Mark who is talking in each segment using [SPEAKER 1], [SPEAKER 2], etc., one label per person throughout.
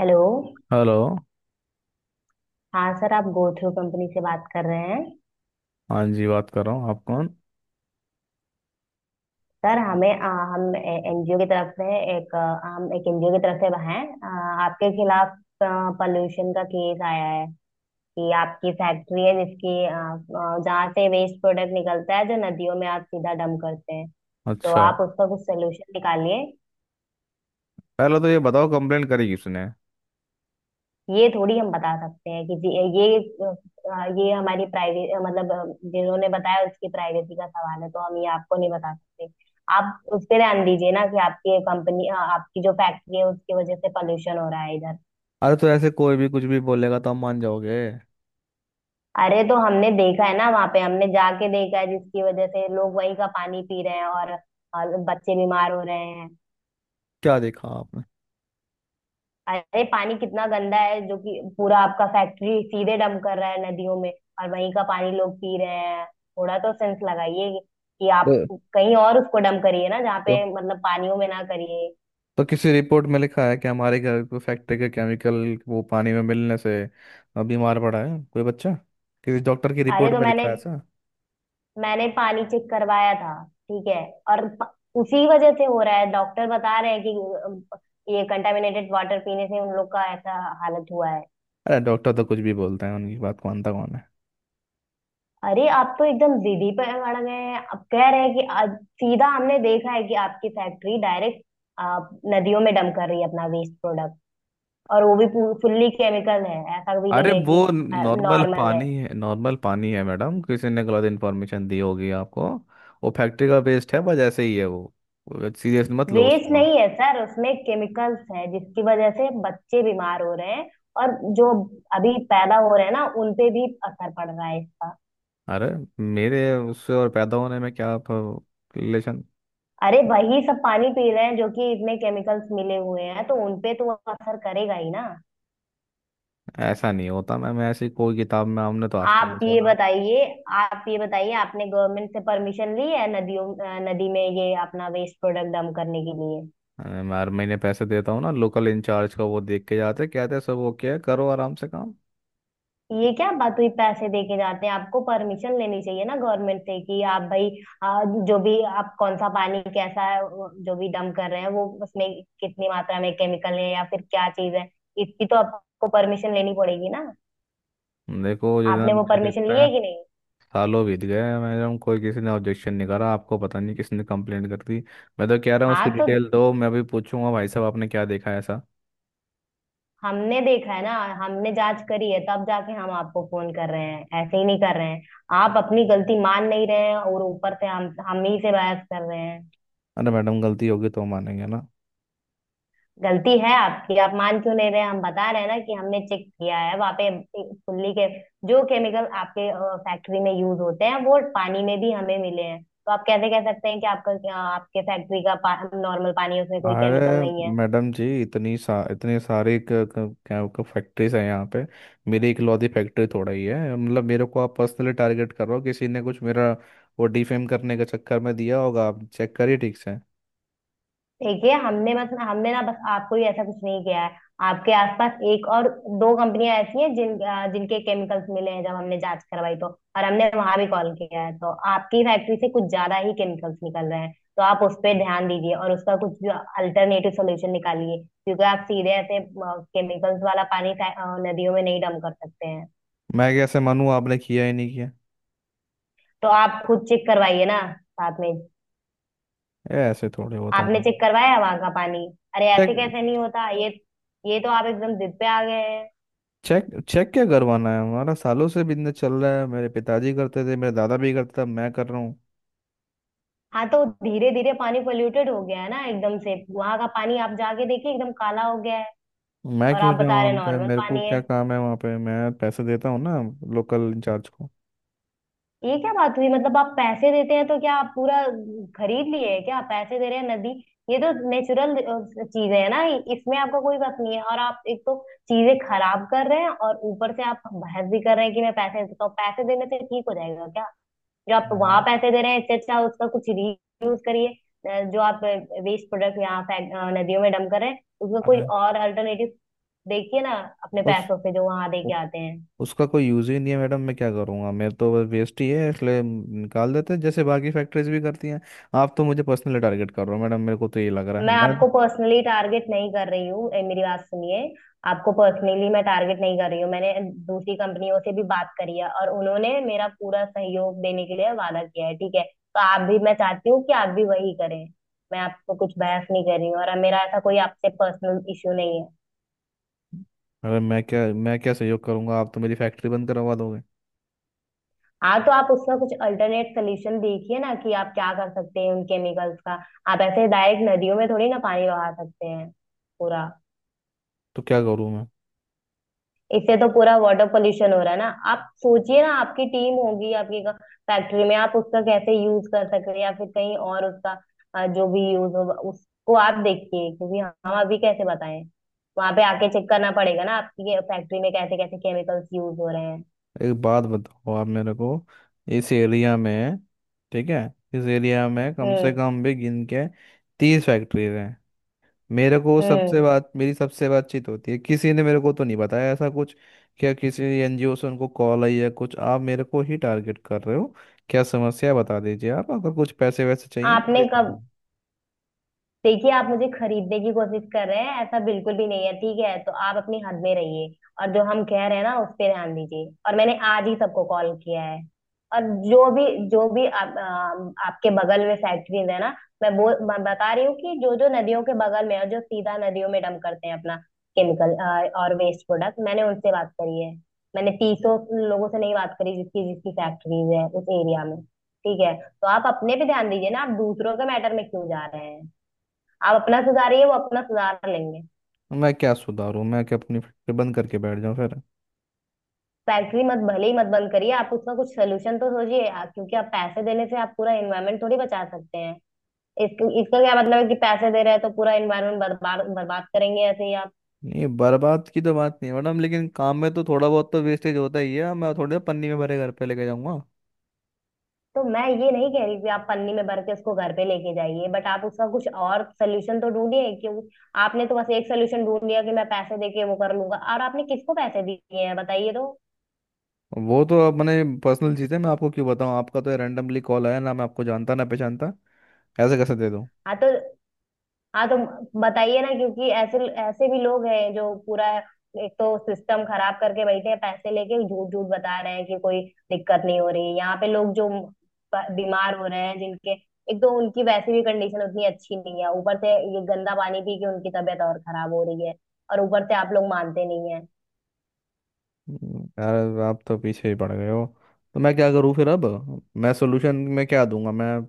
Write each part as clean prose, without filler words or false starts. [SPEAKER 1] Hello.
[SPEAKER 2] Hello.
[SPEAKER 1] हाँ sir, आप go through company से बात कर रहे हैं।
[SPEAKER 2] हाँ जी, बात कर रहा हूँ। आप कौन?
[SPEAKER 1] सर हमें हम एनजीओ की तरफ से एक हम एक एनजीओ की तरफ से हैं, आपके खिलाफ पोल्यूशन का केस आया है कि आपकी फैक्ट्री है जिसकी जहाँ से वेस्ट प्रोडक्ट निकलता है जो नदियों में आप सीधा डंप करते हैं। तो
[SPEAKER 2] अच्छा।
[SPEAKER 1] आप उसका कुछ सोल्यूशन निकालिए।
[SPEAKER 2] पहले तो ये बताओ, कंप्लेंट करी किसने?
[SPEAKER 1] ये थोड़ी हम बता सकते हैं कि ये ये हमारी प्राइवेट मतलब, जिन्होंने बताया उसकी प्राइवेसी का सवाल है, तो हम ये आपको नहीं बता सकते। आप उस पे ध्यान दीजिए ना कि आपकी कंपनी, आपकी जो फैक्ट्री है उसकी वजह से पॉल्यूशन हो रहा है इधर।
[SPEAKER 2] अरे, तो ऐसे कोई भी कुछ भी बोलेगा तो आप मान जाओगे?
[SPEAKER 1] अरे तो हमने देखा है ना, वहां पे हमने जाके देखा है, जिसकी वजह से लोग वही का पानी पी रहे हैं और बच्चे बीमार हो रहे हैं।
[SPEAKER 2] क्या देखा आपने?
[SPEAKER 1] अरे पानी कितना गंदा है, जो कि पूरा आपका फैक्ट्री सीधे डंप कर रहा है नदियों में, और वहीं का पानी लोग पी रहे हैं। थोड़ा तो सेंस लगाइए कि
[SPEAKER 2] तो
[SPEAKER 1] आप कहीं और उसको डंप करिए ना, जहाँ पे
[SPEAKER 2] तो
[SPEAKER 1] मतलब पानियों में ना करिए।
[SPEAKER 2] तो किसी रिपोर्ट में लिखा है कि हमारे घर को फैक्ट्री के केमिकल वो पानी में मिलने से बीमार पड़ा है कोई बच्चा? किसी डॉक्टर की
[SPEAKER 1] अरे
[SPEAKER 2] रिपोर्ट
[SPEAKER 1] तो
[SPEAKER 2] में लिखा
[SPEAKER 1] मैंने
[SPEAKER 2] है ऐसा?
[SPEAKER 1] मैंने पानी चेक करवाया था, ठीक है। और प- उसी वजह से हो रहा है, डॉक्टर बता रहे हैं कि अ, ये कंटामिनेटेड वाटर पीने से उन लोग का ऐसा हालत हुआ है।
[SPEAKER 2] अरे डॉक्टर तो कुछ भी बोलते हैं, उनकी बात मानता कौन है?
[SPEAKER 1] अरे आप तो एकदम जिद ही पे अड़ गए हैं, अब कह रहे हैं कि आज सीधा हमने देखा है कि आपकी फैक्ट्री डायरेक्ट आप नदियों में डंप कर रही है अपना वेस्ट प्रोडक्ट, और वो भी फुल्ली केमिकल है, ऐसा भी
[SPEAKER 2] अरे
[SPEAKER 1] नहीं है
[SPEAKER 2] वो
[SPEAKER 1] कि
[SPEAKER 2] नॉर्मल
[SPEAKER 1] नॉर्मल है।
[SPEAKER 2] पानी है, नॉर्मल पानी है मैडम। किसी ने गलत इन्फॉर्मेशन दी होगी आपको। वो फैक्ट्री का वेस्ट है, बस ऐसे ही है वो। सीरियस मत लो
[SPEAKER 1] वेस्ट
[SPEAKER 2] उसको आप।
[SPEAKER 1] नहीं है सर, उसमें केमिकल्स है, जिसकी वजह से बच्चे बीमार हो रहे हैं। और जो अभी पैदा हो रहे हैं ना, उनपे भी असर पड़ रहा है इसका।
[SPEAKER 2] अरे मेरे उससे और पैदा होने में क्या रिलेशन?
[SPEAKER 1] अरे वही सब पानी पी रहे हैं जो कि इसमें केमिकल्स मिले हुए हैं, तो उनपे तो असर करेगा ही ना।
[SPEAKER 2] ऐसा नहीं होता मैम। ऐसी कोई किताब में हमने तो आज तक
[SPEAKER 1] आप
[SPEAKER 2] नहीं
[SPEAKER 1] भी ये
[SPEAKER 2] सुना।
[SPEAKER 1] बताइए, आप ये बताइए आपने गवर्नमेंट से परमिशन ली है नदियों, नदी में ये अपना वेस्ट प्रोडक्ट डंप करने के लिए?
[SPEAKER 2] मैं हर महीने पैसे देता हूँ ना, लोकल इंचार्ज का। वो देख के जाते कहते हैं, सब ओके है, करो आराम से काम।
[SPEAKER 1] ये क्या बात हुई पैसे देके जाते हैं, आपको परमिशन लेनी चाहिए ना गवर्नमेंट से कि आप भाई जो भी आप कौन सा पानी कैसा है, वो जो भी डंप कर रहे हैं वो उसमें कितनी मात्रा में केमिकल है या फिर क्या चीज है, इसकी तो आपको परमिशन लेनी पड़ेगी ना।
[SPEAKER 2] देखो जितना
[SPEAKER 1] आपने वो
[SPEAKER 2] मुझे
[SPEAKER 1] परमिशन ली
[SPEAKER 2] देखता है।
[SPEAKER 1] है कि नहीं?
[SPEAKER 2] सालों बीत गए मैडम, कोई किसी ने ऑब्जेक्शन नहीं करा। आपको पता नहीं किसने कंप्लेंट कर दी। मैं तो कह रहा हूँ
[SPEAKER 1] हाँ
[SPEAKER 2] उसकी
[SPEAKER 1] तो
[SPEAKER 2] डिटेल दो, मैं अभी पूछूंगा भाई साहब आपने क्या देखा है ऐसा।
[SPEAKER 1] हमने देखा है ना, हमने जांच करी है तब जाके हम आपको फोन कर रहे हैं, ऐसे ही नहीं कर रहे हैं। आप अपनी गलती मान नहीं रहे हैं और ऊपर से हम ही से बहस कर रहे हैं।
[SPEAKER 2] अरे मैडम, गलती होगी तो मानेंगे ना।
[SPEAKER 1] गलती है आपकी, आप मान क्यों नहीं रहे हैं? हम बता रहे हैं ना कि हमने चेक किया है वहां पे। फुल्ली के जो केमिकल आपके फैक्ट्री में यूज होते हैं वो पानी में भी हमें मिले हैं, तो आप कैसे कह सकते हैं कि आपका आपके फैक्ट्री का नॉर्मल पानी है, उसमें कोई
[SPEAKER 2] अरे
[SPEAKER 1] केमिकल नहीं है।
[SPEAKER 2] मैडम जी, इतनी सारी क, क, क्या फैक्ट्रीज हैं यहाँ पे। मेरी इकलौती फैक्ट्री थोड़ा ही है, मतलब मेरे को आप पर्सनली टारगेट कर रहे हो। किसी ने कुछ मेरा वो डिफेम करने के चक्कर में दिया होगा, आप चेक करिए ठीक से।
[SPEAKER 1] देखिए हमने मतलब हमने ना बस आपको ही ऐसा कुछ नहीं किया है, आपके आसपास एक और दो कंपनियां ऐसी हैं जिन जिनके केमिकल्स मिले हैं जब हमने जांच करवाई, तो और हमने वहां भी कॉल किया है। तो आपकी फैक्ट्री से कुछ ज्यादा ही केमिकल्स निकल रहे हैं, तो आप उस पर ध्यान दीजिए और उसका कुछ जो अल्टरनेटिव सोल्यूशन निकालिए, क्योंकि आप सीधे ऐसे केमिकल्स वाला पानी नदियों में नहीं डम कर सकते हैं।
[SPEAKER 2] मैं कैसे मानूँ, आपने किया ही नहीं किया।
[SPEAKER 1] तो आप खुद चेक करवाइए ना साथ में।
[SPEAKER 2] ये ऐसे थोड़े होता है
[SPEAKER 1] आपने
[SPEAKER 2] मैडम।
[SPEAKER 1] चेक करवाया वहां का पानी? अरे
[SPEAKER 2] चेक
[SPEAKER 1] ऐसे कैसे नहीं होता ये तो आप एकदम जिद पे आ गए हैं।
[SPEAKER 2] चेक चेक क्या करवाना है? हमारा सालों से बिजनेस चल रहा है, मेरे पिताजी करते थे, मेरा दादा भी करता था, मैं कर रहा हूँ।
[SPEAKER 1] हाँ तो धीरे धीरे पानी पोल्यूटेड हो गया है ना एकदम से, वहां का पानी आप जाके देखिए एकदम काला हो गया है,
[SPEAKER 2] मैं
[SPEAKER 1] और
[SPEAKER 2] क्यों
[SPEAKER 1] आप
[SPEAKER 2] जाऊँ
[SPEAKER 1] बता रहे
[SPEAKER 2] वहाँ
[SPEAKER 1] हैं
[SPEAKER 2] पे?
[SPEAKER 1] नॉर्मल
[SPEAKER 2] मेरे को
[SPEAKER 1] पानी है।
[SPEAKER 2] क्या काम है वहाँ पे? मैं पैसे देता हूँ ना लोकल इंचार्ज को।
[SPEAKER 1] ये क्या बात हुई मतलब, आप पैसे देते हैं तो क्या आप पूरा खरीद लिए है क्या, पैसे दे रहे हैं? नदी ये तो नेचुरल चीज है ना, इसमें आपको कोई बात नहीं है, और आप एक तो चीजें खराब कर रहे हैं और ऊपर से आप बहस भी कर रहे हैं कि मैं पैसे देता हूँ, पैसे देने से ठीक हो जाएगा क्या? जो आप वहां
[SPEAKER 2] हम्म।
[SPEAKER 1] पैसे दे रहे हैं, इससे अच्छा उसका कुछ रीयूज करिए। जो आप वेस्ट प्रोडक्ट यहाँ नदियों में डंप कर रहे हैं उसका कोई
[SPEAKER 2] अरे
[SPEAKER 1] और अल्टरनेटिव देखिए ना, अपने
[SPEAKER 2] उस
[SPEAKER 1] पैसों से जो वहां दे
[SPEAKER 2] उ-
[SPEAKER 1] के आते हैं।
[SPEAKER 2] उसका कोई यूज ही नहीं है मैडम। मैं क्या करूँगा? मेरे तो बस वेस्ट ही है, इसलिए निकाल देते हैं, जैसे बाकी फैक्ट्रीज भी करती हैं। आप तो मुझे पर्सनली टारगेट कर रहे हो मैडम, मेरे को तो ये लग रहा है
[SPEAKER 1] मैं
[SPEAKER 2] मैं।
[SPEAKER 1] आपको पर्सनली टारगेट नहीं कर रही हूँ, मेरी बात सुनिए, आपको पर्सनली मैं टारगेट नहीं कर रही हूँ। मैंने दूसरी कंपनियों से भी बात करी है और उन्होंने मेरा पूरा सहयोग देने के लिए वादा किया है, ठीक है, तो आप भी मैं चाहती हूँ कि आप भी वही करें। मैं आपको कुछ बहस नहीं कर रही हूँ और मेरा ऐसा कोई आपसे पर्सनल इश्यू नहीं है।
[SPEAKER 2] अरे मैं क्या सहयोग करूँगा? आप तो मेरी फैक्ट्री बंद करवा दोगे।
[SPEAKER 1] हाँ तो आप उसका कुछ अल्टरनेट सोल्यूशन देखिए ना कि आप क्या कर सकते हैं उन केमिकल्स का। आप ऐसे डायरेक्ट नदियों में थोड़ी ना पानी बहा सकते हैं पूरा,
[SPEAKER 2] तो क्या करूँ मैं?
[SPEAKER 1] इससे तो पूरा वाटर पोल्यूशन हो रहा है ना। आप सोचिए ना, आपकी टीम होगी, आपकी फैक्ट्री में आप उसका कैसे यूज कर सकते हैं, या फिर कहीं और उसका जो भी यूज होगा उसको आप देखिए, क्योंकि हम अभी कैसे बताएं, वहां पे आके चेक करना पड़ेगा ना आपकी फैक्ट्री में कैसे कैसे केमिकल्स यूज हो रहे हैं।
[SPEAKER 2] एक बात बताओ आप मेरे को, इस एरिया में, ठीक है, इस एरिया में कम से
[SPEAKER 1] हम्म।
[SPEAKER 2] कम भी गिन के 30 फैक्ट्रीज हैं। मेरे को सबसे
[SPEAKER 1] हम्म।
[SPEAKER 2] बात, मेरी सबसे बातचीत होती है, किसी ने मेरे को तो नहीं बताया ऐसा कुछ। क्या किसी एनजीओ से उनको कॉल आई है कुछ? आप मेरे को ही टारगेट कर रहे हो। क्या समस्या है बता दीजिए, आप अगर कुछ पैसे वैसे चाहिए मैं
[SPEAKER 1] आपने
[SPEAKER 2] दे
[SPEAKER 1] कब,
[SPEAKER 2] दूंगा।
[SPEAKER 1] देखिए आप मुझे खरीदने की कोशिश कर रहे हैं, ऐसा बिल्कुल भी नहीं है, ठीक है, तो आप अपनी हद में रहिए और जो हम कह रहे हैं ना उस पे ध्यान दीजिए। और मैंने आज ही सबको कॉल किया है, और जो भी जो भी आपके बगल में फैक्ट्रीज है ना, मैं वो मैं बता रही हूँ कि जो जो नदियों के बगल में है और जो सीधा नदियों में डंप करते हैं अपना केमिकल और वेस्ट प्रोडक्ट, मैंने उनसे बात करी है। मैंने तीसों लोगों से नहीं बात करी जिसकी जिसकी फैक्ट्रीज है उस एरिया में, ठीक है, तो आप अपने पे ध्यान दीजिए ना, आप दूसरों के मैटर में क्यों जा रहे हैं? आप अपना सुधारिए, वो अपना सुधार लेंगे।
[SPEAKER 2] मैं क्या सुधारूं? मैं क्या अपनी फैक्ट्री बंद करके बैठ जाऊं फिर?
[SPEAKER 1] फैक्ट्री मत, भले ही मत बंद करिए, आप उसका कुछ सोल्यूशन तो सोचिए, आप- क्योंकि आप पैसे देने से आप पूरा एनवायरनमेंट थोड़ी बचा सकते हैं। इसका क्या मतलब है कि पैसे दे रहे हैं तो पूरा एनवायरनमेंट बर्बाद बर्बाद करेंगे ऐसे ही आप?
[SPEAKER 2] नहीं, बर्बाद की तो बात नहीं है मैडम, लेकिन काम में तो थोड़ा बहुत तो वेस्टेज होता ही है। मैं थोड़े पन्नी में भरे घर पे लेके जाऊंगा।
[SPEAKER 1] तो मैं ये नहीं कह रही कि आप पन्नी में भर के उसको घर पे लेके जाइए, बट आप उसका कुछ और सोल्यूशन तो ढूंढिए क्यों। आपने तो बस एक सोल्यूशन ढूंढ लिया कि मैं पैसे दे के वो कर लूंगा, और आपने किसको पैसे दिए हैं बताइए तो।
[SPEAKER 2] वो तो अपने पर्सनल चीज़ है, मैं आपको क्यों बताऊं? आपका तो रैंडमली कॉल आया ना, मैं आपको जानता ना पहचानता, ऐसे कैसे दे दूं?
[SPEAKER 1] हाँ तो हाँ तो बताइए ना, क्योंकि ऐसे ऐसे भी लोग हैं जो पूरा एक तो सिस्टम खराब करके बैठे हैं, पैसे लेके झूठ झूठ बता रहे हैं कि कोई दिक्कत नहीं हो रही। यहाँ पे लोग जो बीमार हो रहे हैं जिनके एक तो उनकी वैसे भी कंडीशन उतनी अच्छी नहीं है, ऊपर से ये गंदा पानी पी के उनकी तबीयत और खराब हो रही है और ऊपर से आप लोग मानते नहीं है।
[SPEAKER 2] यार आप तो पीछे ही पड़ गए हो। तो मैं क्या करूं फिर अब? मैं सोल्यूशन में क्या दूंगा मैं?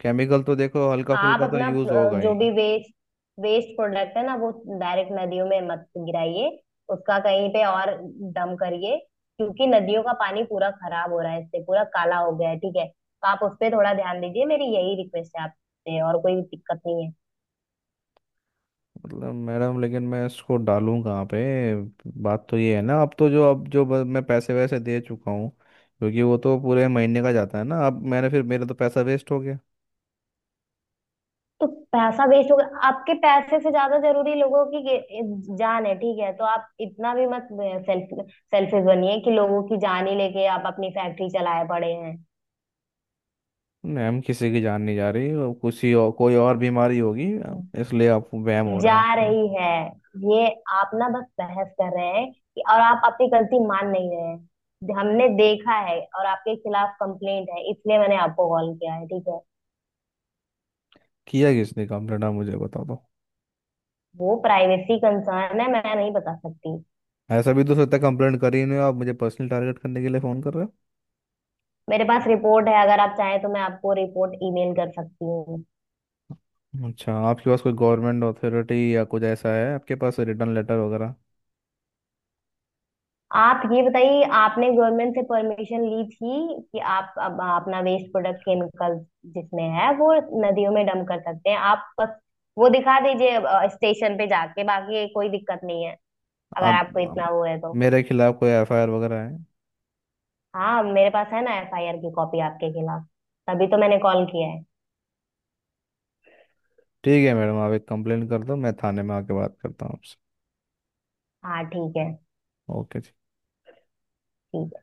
[SPEAKER 2] केमिकल तो देखो हल्का
[SPEAKER 1] आप
[SPEAKER 2] फुल्का तो
[SPEAKER 1] अपना
[SPEAKER 2] यूज़ होगा
[SPEAKER 1] जो
[SPEAKER 2] ही।
[SPEAKER 1] भी वेस्ट वेस्ट प्रोडक्ट है ना वो डायरेक्ट नदियों में मत गिराइए, उसका कहीं पे और डम करिए, क्योंकि नदियों का पानी पूरा खराब हो रहा है, इससे पूरा काला हो गया है। ठीक है तो आप उस पे थोड़ा ध्यान दीजिए, मेरी यही रिक्वेस्ट है आपसे, और कोई दिक्कत नहीं है।
[SPEAKER 2] मतलब मैडम, लेकिन मैं इसको डालूं कहाँ पे? बात तो ये है ना, अब तो जो अब जो ब- मैं पैसे वैसे दे चुका हूँ, क्योंकि वो तो पूरे महीने का जाता है ना। अब मैंने फिर मेरा तो पैसा वेस्ट हो गया।
[SPEAKER 1] तो पैसा वेस्ट हो गया, आपके पैसे से ज्यादा जरूरी लोगों की जान है, ठीक है, तो आप इतना भी मत सेल्फिश बनिए कि लोगों की जान ही लेके आप अपनी फैक्ट्री चलाए पड़े हैं।
[SPEAKER 2] मैम, किसी की जान नहीं जा रही, वो किसी और, कोई और बीमारी होगी, इसलिए आपको वहम हो रहा
[SPEAKER 1] जा
[SPEAKER 2] है आपको।
[SPEAKER 1] रही है ये। आप ना बस बहस कर रहे हैं कि, और आप अपनी गलती मान नहीं रहे हैं। हमने देखा है और आपके खिलाफ कंप्लेंट है, इसलिए मैंने आपको कॉल किया है, ठीक है।
[SPEAKER 2] किया किसने कंप्लेंट? आप मुझे बता दो।
[SPEAKER 1] वो प्राइवेसी कंसर्न है, मैं नहीं बता सकती।
[SPEAKER 2] ऐसा भी तो हो सकता है कंप्लेंट कर ही नहीं हो, आप मुझे पर्सनल टारगेट करने के लिए फ़ोन कर रहे
[SPEAKER 1] मेरे पास रिपोर्ट है, अगर आप चाहें तो मैं आपको रिपोर्ट ईमेल कर सकती हूँ।
[SPEAKER 2] हो। अच्छा, आपके पास कोई गवर्नमेंट अथॉरिटी या कुछ ऐसा है? आपके पास रिटर्न लेटर वगैरह?
[SPEAKER 1] आप ये बताइए आपने गवर्नमेंट से परमिशन ली थी कि आप अब अपना वेस्ट प्रोडक्ट केमिकल जिसमें है वो नदियों में डंप कर सकते हैं? आप बस वो दिखा दीजिए स्टेशन पे जाके, बाकी कोई दिक्कत नहीं है अगर
[SPEAKER 2] आप
[SPEAKER 1] आपको
[SPEAKER 2] आप-
[SPEAKER 1] इतना वो है तो।
[SPEAKER 2] मेरे खिलाफ कोई एफआईआर वगैरह है?
[SPEAKER 1] हाँ मेरे पास है ना एफआईआर की कॉपी आपके खिलाफ, तभी तो मैंने कॉल किया है।
[SPEAKER 2] ठीक है मैडम, आप एक कंप्लेंट कर दो, मैं थाने में आके बात करता हूँ आपसे।
[SPEAKER 1] हाँ ठीक है, ठीक
[SPEAKER 2] ओके जी।
[SPEAKER 1] है।